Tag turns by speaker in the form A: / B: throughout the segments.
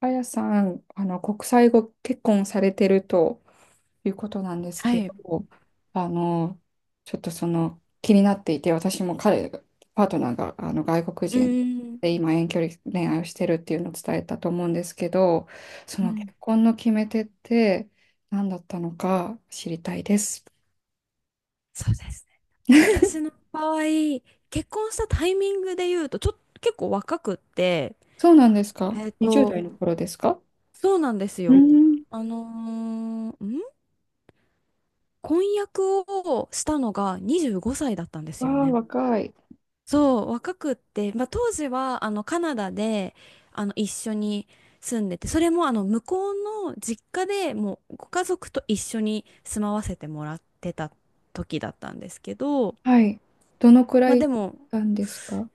A: あやさん、国際ご結婚されてるということなんです
B: は
A: けど、
B: い。う
A: あの、ちょっとその気になっていて、私もパートナーが外国
B: ー
A: 人
B: ん。
A: で今遠距離恋愛をしてるっていうのを伝えたと思うんですけど、そ
B: う
A: の結
B: ん。
A: 婚の決め手って何だったのか知りたいです。
B: そうですね。私の場合、結婚したタイミングで言うと、ちょっと結構若くって、
A: そうなんですか？
B: えっ
A: 20
B: と、
A: 代の頃ですか？
B: そうなんです
A: う
B: よ。
A: ん、
B: あのーん婚約をしたのが25歳だったんです
A: わ
B: よ
A: あ、
B: ね。
A: 若い。
B: そう、若くって、まあ、当時はカナダで一緒に住んでて、それも向こうの実家でもうご家族と一緒に住まわせてもらってた時だったんですけど、
A: はい。どのくら
B: まあで
A: い
B: も、
A: なんですか？は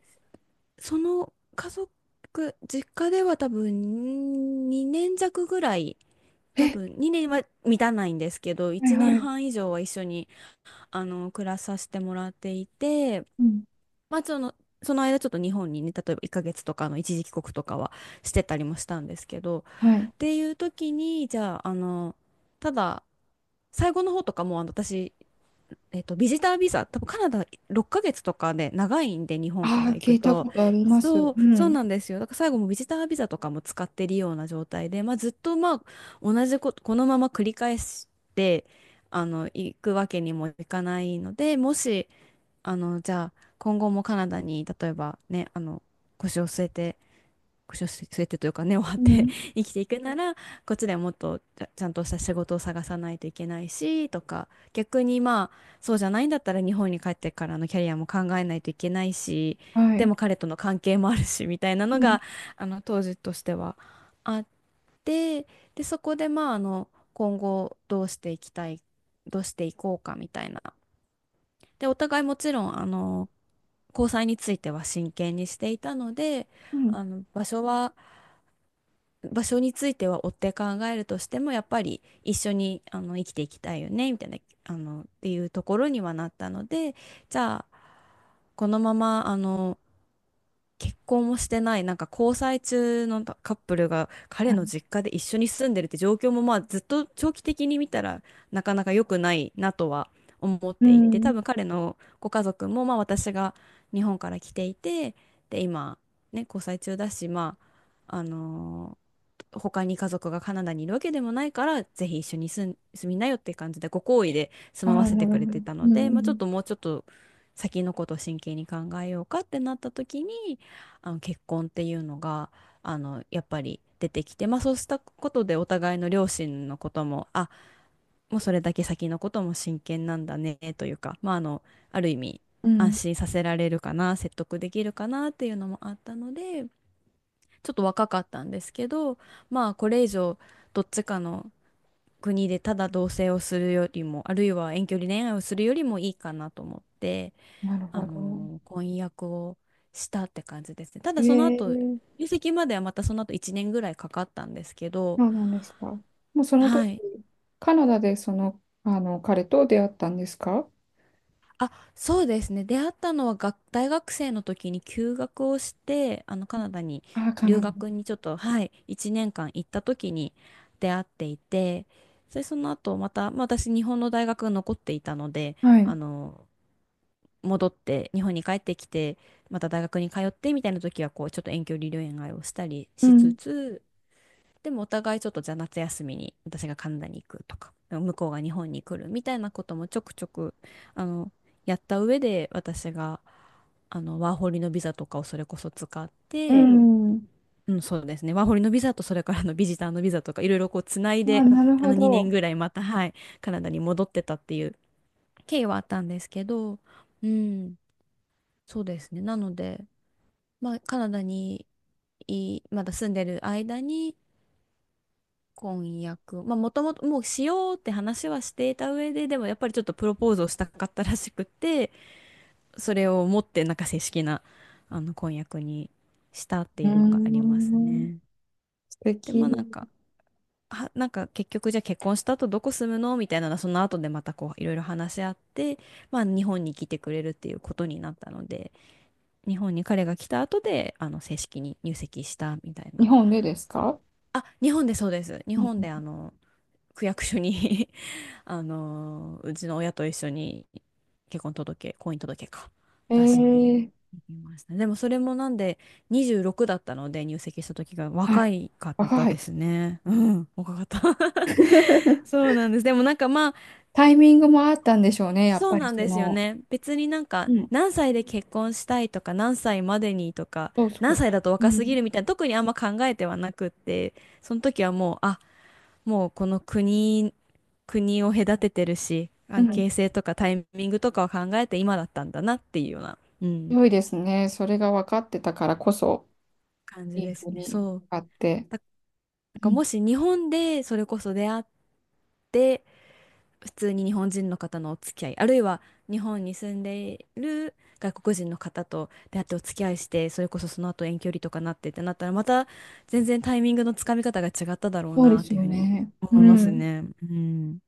B: その家族、実家では多分2年弱ぐらい、多分2年は満たないんですけど、
A: い
B: 1年
A: はい。
B: 半以上は一緒に暮らさせてもらっていて、
A: うん。
B: まあその、その間ちょっと日本にね、例えば1ヶ月とかの一時帰国とかはしてたりもしたんですけど、
A: はい。
B: っていう時に、じゃあ、ただ、最後の方とかもう私、ビジタービザ、多分カナダ6ヶ月とかで長いんで、日本か
A: あ
B: ら
A: あ、
B: 行
A: 聞
B: く
A: いた
B: と。
A: ことあります。う
B: そう、そう
A: ん。
B: なんですよ。だから最後もビジタービザとかも使ってるような状態で、まあ、ずっとまあ同じこと、このまま繰り返して、行くわけにもいかないので、もし、じゃあ、今後もカナダに、例えばね、腰を据えて、スウ据えてというか根を張っ
A: う
B: て
A: ん。
B: 生きていくなら こっちでもっとちゃんとした仕事を探さないといけないしとか、逆にまあそうじゃないんだったら日本に帰ってからのキャリアも考えないといけないし、
A: は
B: で
A: い。
B: も彼との関係もあるしみたいな
A: う
B: の
A: ん。
B: が当時としてはあって、でそこでまあ今後どうしていきたい、どうしていこうかみたいな。でお互いもちろん交際については真剣にしていたので、
A: うん。
B: 場所は、場所については追って考えるとしてもやっぱり一緒に生きていきたいよねみたいな、っていうところにはなったので、じゃあこのまま結婚もしてないなんか交際中のカップルが彼の実家で一緒に住んでるって状況もまあずっと長期的に見たらなかなか良くないなとは思っ
A: う
B: ていて、多
A: ん。
B: 分彼のご家族もまあ私が日本から来ていて、で今ね交際中だし、まあ他に家族がカナダにいるわけでもないから、ぜひ一緒に住みなよって感じで、ご好意で
A: あ
B: 住まわ
A: あ、
B: せ
A: な
B: て
A: る
B: くれ
A: ほど。
B: てたの
A: う
B: で、まあ、ちょっ
A: ん。
B: ともうちょっと先のことを真剣に考えようかってなった時に、結婚っていうのが、やっぱり出てきて、まあそうしたことでお互いの両親のことも、あ、もうそれだけ先のことも真剣なんだね、というか、まあある意味、
A: う
B: 安
A: ん。
B: 心させられるかな、説得できるかなっていうのもあったので、ちょっと若かったんですけど、まあこれ以上どっちかの国でただ同棲をするよりも、あるいは遠距離恋愛をするよりもいいかなと思って、
A: なるほど。
B: 婚約をしたって感じですね。ただその後、
A: ええ、
B: 入籍まではまたその後1年ぐらいかかったんですけど、
A: そうなんですか。もうその
B: は
A: 時、
B: い。
A: カナダでその、彼と出会ったんですか？
B: あ、そうですね。出会ったのは大学生の時に休学をして、カナダに
A: ああ、カ
B: 留
A: ナダ。
B: 学にちょっと、はい、1年間行った時に出会っていて、で、その後また、まあ、私日本の大学が残っていたので、
A: はい。
B: あの、戻って日本に帰ってきて、また大学に通ってみたいな時はこうちょっと遠距離恋愛をしたり
A: う
B: しつ
A: ん。
B: つ、でもお互いちょっとじゃあ夏休みに私がカナダに行くとか、向こうが日本に来るみたいなこともちょくちょくあの、やった上で私が、ワーホリのビザとかをそれこそ使っ
A: う
B: て、
A: ん。
B: うん、そうですね。ワーホリのビザとそれからのビジターのビザとかいろいろこうつない
A: ああ、
B: で、
A: なるほ
B: 2年
A: ど。
B: ぐらいまた、はい、カナダに戻ってたっていう経緯はあったんですけど、うん、そうですね。なので、まあ、カナダにいまだ住んでる間に、婚約。まあ、もともともうしようって話はしていた上で、でもやっぱりちょっとプロポーズをしたかったらしくて、それを持ってなんか正式な、婚約にしたって
A: うー
B: いうのがあります
A: ん。
B: ね。
A: 素
B: で、
A: 敵。
B: まあなんか、なんか結局じゃあ結婚した後どこ住むのみたいなのはその後でまたこういろいろ話し合って、まあ日本に来てくれるっていうことになったので、日本に彼が来た後で、正式に入籍したみたい
A: 日
B: な。
A: 本でですか？
B: あ、日本でそうです。日
A: うん。
B: 本で区役所に うちの親と一緒に結婚届、婚姻届か、出しに
A: ええ。
B: 行きましたね。でもそれもなんで26だったので入籍した時が
A: は
B: 若
A: い。
B: いかった
A: 若
B: で
A: い。
B: すね。うん、若かった。 そうなんです。でもなんかまあ、
A: タイミングもあったんでしょうね、やっ
B: そう
A: ぱり
B: なん
A: そ
B: ですよ
A: の、
B: ね。別になん
A: う
B: か
A: ん、
B: 何歳で結婚したいとか何歳までにとか
A: そうそ
B: 何
A: う、
B: 歳だと
A: う
B: 若すぎ
A: ん、
B: るみたいな、特にあんま考えてはなくって、その時はもうもうこの国、国を隔ててるし、
A: う
B: 関
A: ん、
B: 係性とかタイミングとかを考えて今だったんだなっていうような、うん、
A: 良いですね。それが分かってたからこそ、
B: 感
A: い
B: じ
A: い
B: で
A: ふ
B: す
A: う
B: ね。
A: に
B: そう。
A: あって、
B: だなん
A: う
B: か
A: ん、
B: もし日本でそれこそ出会って普通に日本人の方のお付き合い、あるいは日本に住んでいる外国人の方と出会ってお付き合いして、それこそその後遠距離とかなってってなったら、また全然タイミングのつかみ方が違っただろう
A: そうで
B: なっ
A: す
B: ていう
A: よ
B: ふうに
A: ね。う
B: 思います
A: ん、
B: ね。うん。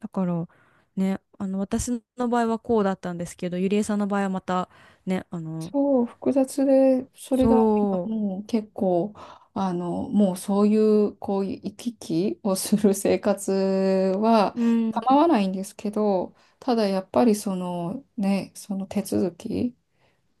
B: だから、ね、私の場合はこうだったんですけど、ゆりえさんの場合はまた、ね、
A: そう、複雑で、それが今
B: そ
A: もう結構、もうそういう、こういう行き来をする生活は
B: う、うん、
A: 構わないんですけど、ただやっぱりそのね、その手続き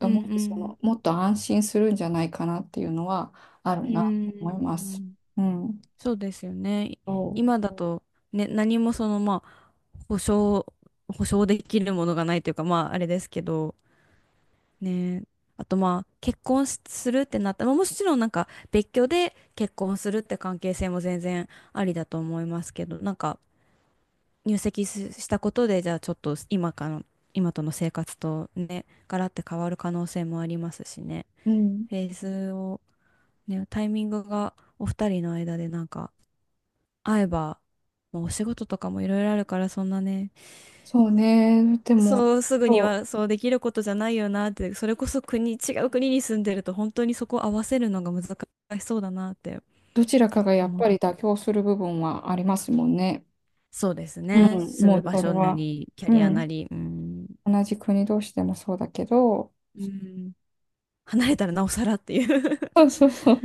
B: う
A: もっ
B: ん、う
A: とそ
B: ん、
A: の、もっと安心するんじゃないかなっていうのはある
B: う
A: なと思います。
B: ん。
A: うん。
B: そうですよね。
A: そ
B: 今だと、ね、何もその、まあ、保証、保証できるものがないというか、まあ、あれですけど、ね。あと、まあ、結婚するってなったら、まあもちろんなんか、別居で結婚するって関係性も全然ありだと思いますけど、なんか、入籍したことで、じゃあ、ちょっと今との生活とね、ガラッて変わる可能性もありますしね。
A: う、うん、
B: フェーズを、ね、タイミングがお二人の間でなんか、会えば、まあ、お仕事とかもいろいろあるから、そんなね、
A: そうね。でも、
B: そうすぐに
A: そ
B: は
A: う、
B: そうできることじゃないよなって、それこそ違う国に住んでると本当にそこを合わせるのが難しそうだなって
A: どちらかがやっ
B: 思
A: ぱ
B: う。
A: り妥協する部分はありますもんね。
B: そうです
A: う
B: ね。
A: ん、
B: 住
A: もう
B: む場
A: それ
B: 所な
A: は、
B: り、キャ
A: う
B: リア
A: ん、
B: なり、うん、
A: 同じ国同士でもそうだけど、
B: うん、離れたらなおさらっていう
A: そうそうそう。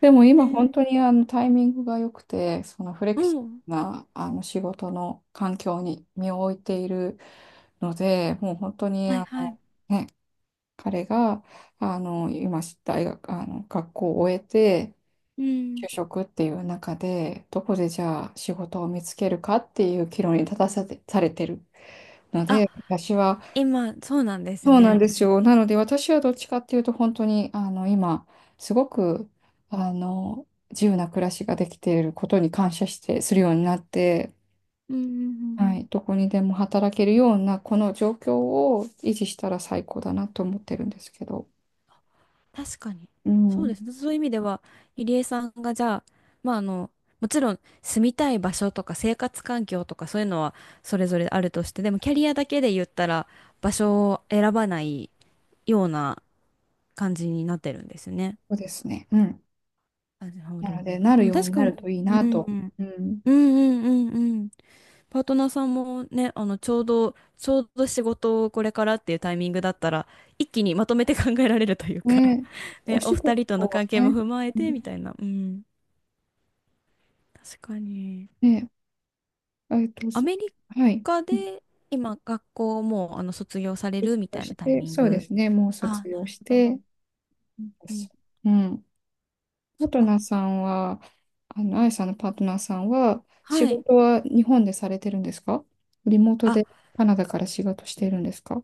A: でも 今
B: ね。
A: 本当にタイミングが良くて、そのフレ
B: う
A: キシ
B: ん。
A: ブルな仕事の環境に身を置いているので、もう本当に
B: はい
A: あ
B: はい。
A: の、ね、彼があの今大学あの学校を終えて
B: うん。
A: 就職っていう中でどこでじゃあ仕事を見つけるかっていう岐路に立たされてるの
B: あ、
A: で私は、
B: 今、そうなんです
A: そうなん
B: ね。
A: ですよ。なので私はどっちかっていうと本当にあの今すごく自由な暮らしができていることに感謝してするようになって。
B: うんうんうん。
A: はい、どこにでも働けるようなこの状況を維持したら最高だなと思ってるんですけど。
B: 確かに。
A: う
B: そうで
A: ん。
B: すね。そういう意味では、入江さんがじゃあ、まあもちろん住みたい場所とか生活環境とかそういうのはそれぞれあるとして、でもキャリアだけで言ったら場所を選ばないような感じになってるんですね。
A: そうですね。うん。
B: なるほ
A: なの
B: ど。
A: で、な
B: で
A: る
B: も
A: よう
B: 確
A: にな
B: かに、
A: るといいな
B: うん、
A: と。
B: うん
A: うん。
B: うんうんうん。パートナーさんもね、ちょうど仕事をこれからっていうタイミングだったら、一気にまとめて考えられるというか
A: ね、
B: ね、
A: お
B: お
A: 仕
B: 二
A: 事
B: 人との
A: は
B: 関係も
A: ね、
B: 踏まえ
A: う
B: て
A: ん、
B: みたいな。うん。確かに。
A: ね、えっと、
B: ア
A: そ
B: メリ
A: はい。
B: カ
A: うん、
B: で今、学校もう、卒業され
A: 卒
B: るみ
A: 業
B: たい
A: し
B: なタイ
A: て、
B: ミン
A: そうで
B: グ。
A: すね、もう卒
B: あ、な
A: 業
B: る
A: し
B: ほど。
A: て、
B: うん
A: で
B: うん。
A: す。うん。パ
B: そ
A: ー
B: っ
A: トナー
B: か。
A: さんは、あやさんのパートナーさんは、仕
B: はい。
A: 事は日本でされてるんですか？リモート
B: あ、
A: でカナダから仕事しているんですか？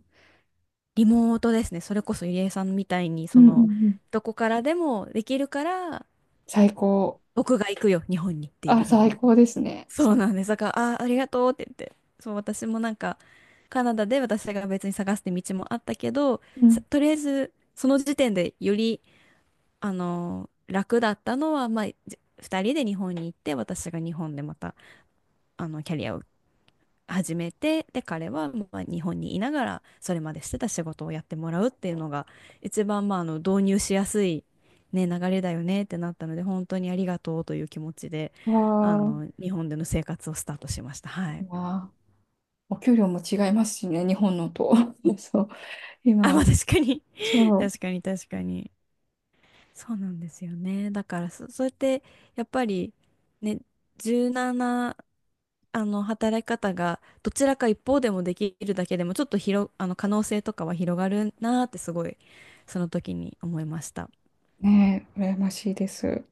B: リモートですね。それこそ、ゆりえさんみたいに、
A: う
B: そ
A: んうん
B: の、
A: うん。
B: どこからでもできるから、
A: 最高。
B: 僕が行くよ、日本にっていう
A: あ、
B: ふうに。
A: 最高ですね。
B: そ
A: そ
B: う
A: う。
B: なんです。だから、ありがとうって言って。そう、私もなんか、カナダで私が別に探すって道もあったけど、
A: うん。
B: とりあえず、その時点でより、楽だったのは、まあ、二人で日本に行って、私が日本でまた、キャリアを始めて、で、彼はまあ日本にいながら、それまでしてた仕事をやってもらうっていうのが、一番、まあ、導入しやすい、ね、流れだよねってなったので、本当にありがとうという気持ちで、
A: わー、
B: 日本での生活をスタートしました。
A: い
B: はい。
A: いな。お給料も違いますしね、日本のと。そう、
B: あ、
A: 今
B: ま
A: は、
B: あ、確かに
A: そ
B: 確かに、確かに。そうなんですよね。だからそうやって、やっぱり、ね、1なな働き方がどちらか一方でもできるだけでもちょっと広、あの可能性とかは広がるなーってすごいその時に思いました。
A: う、ね、羨ましいです。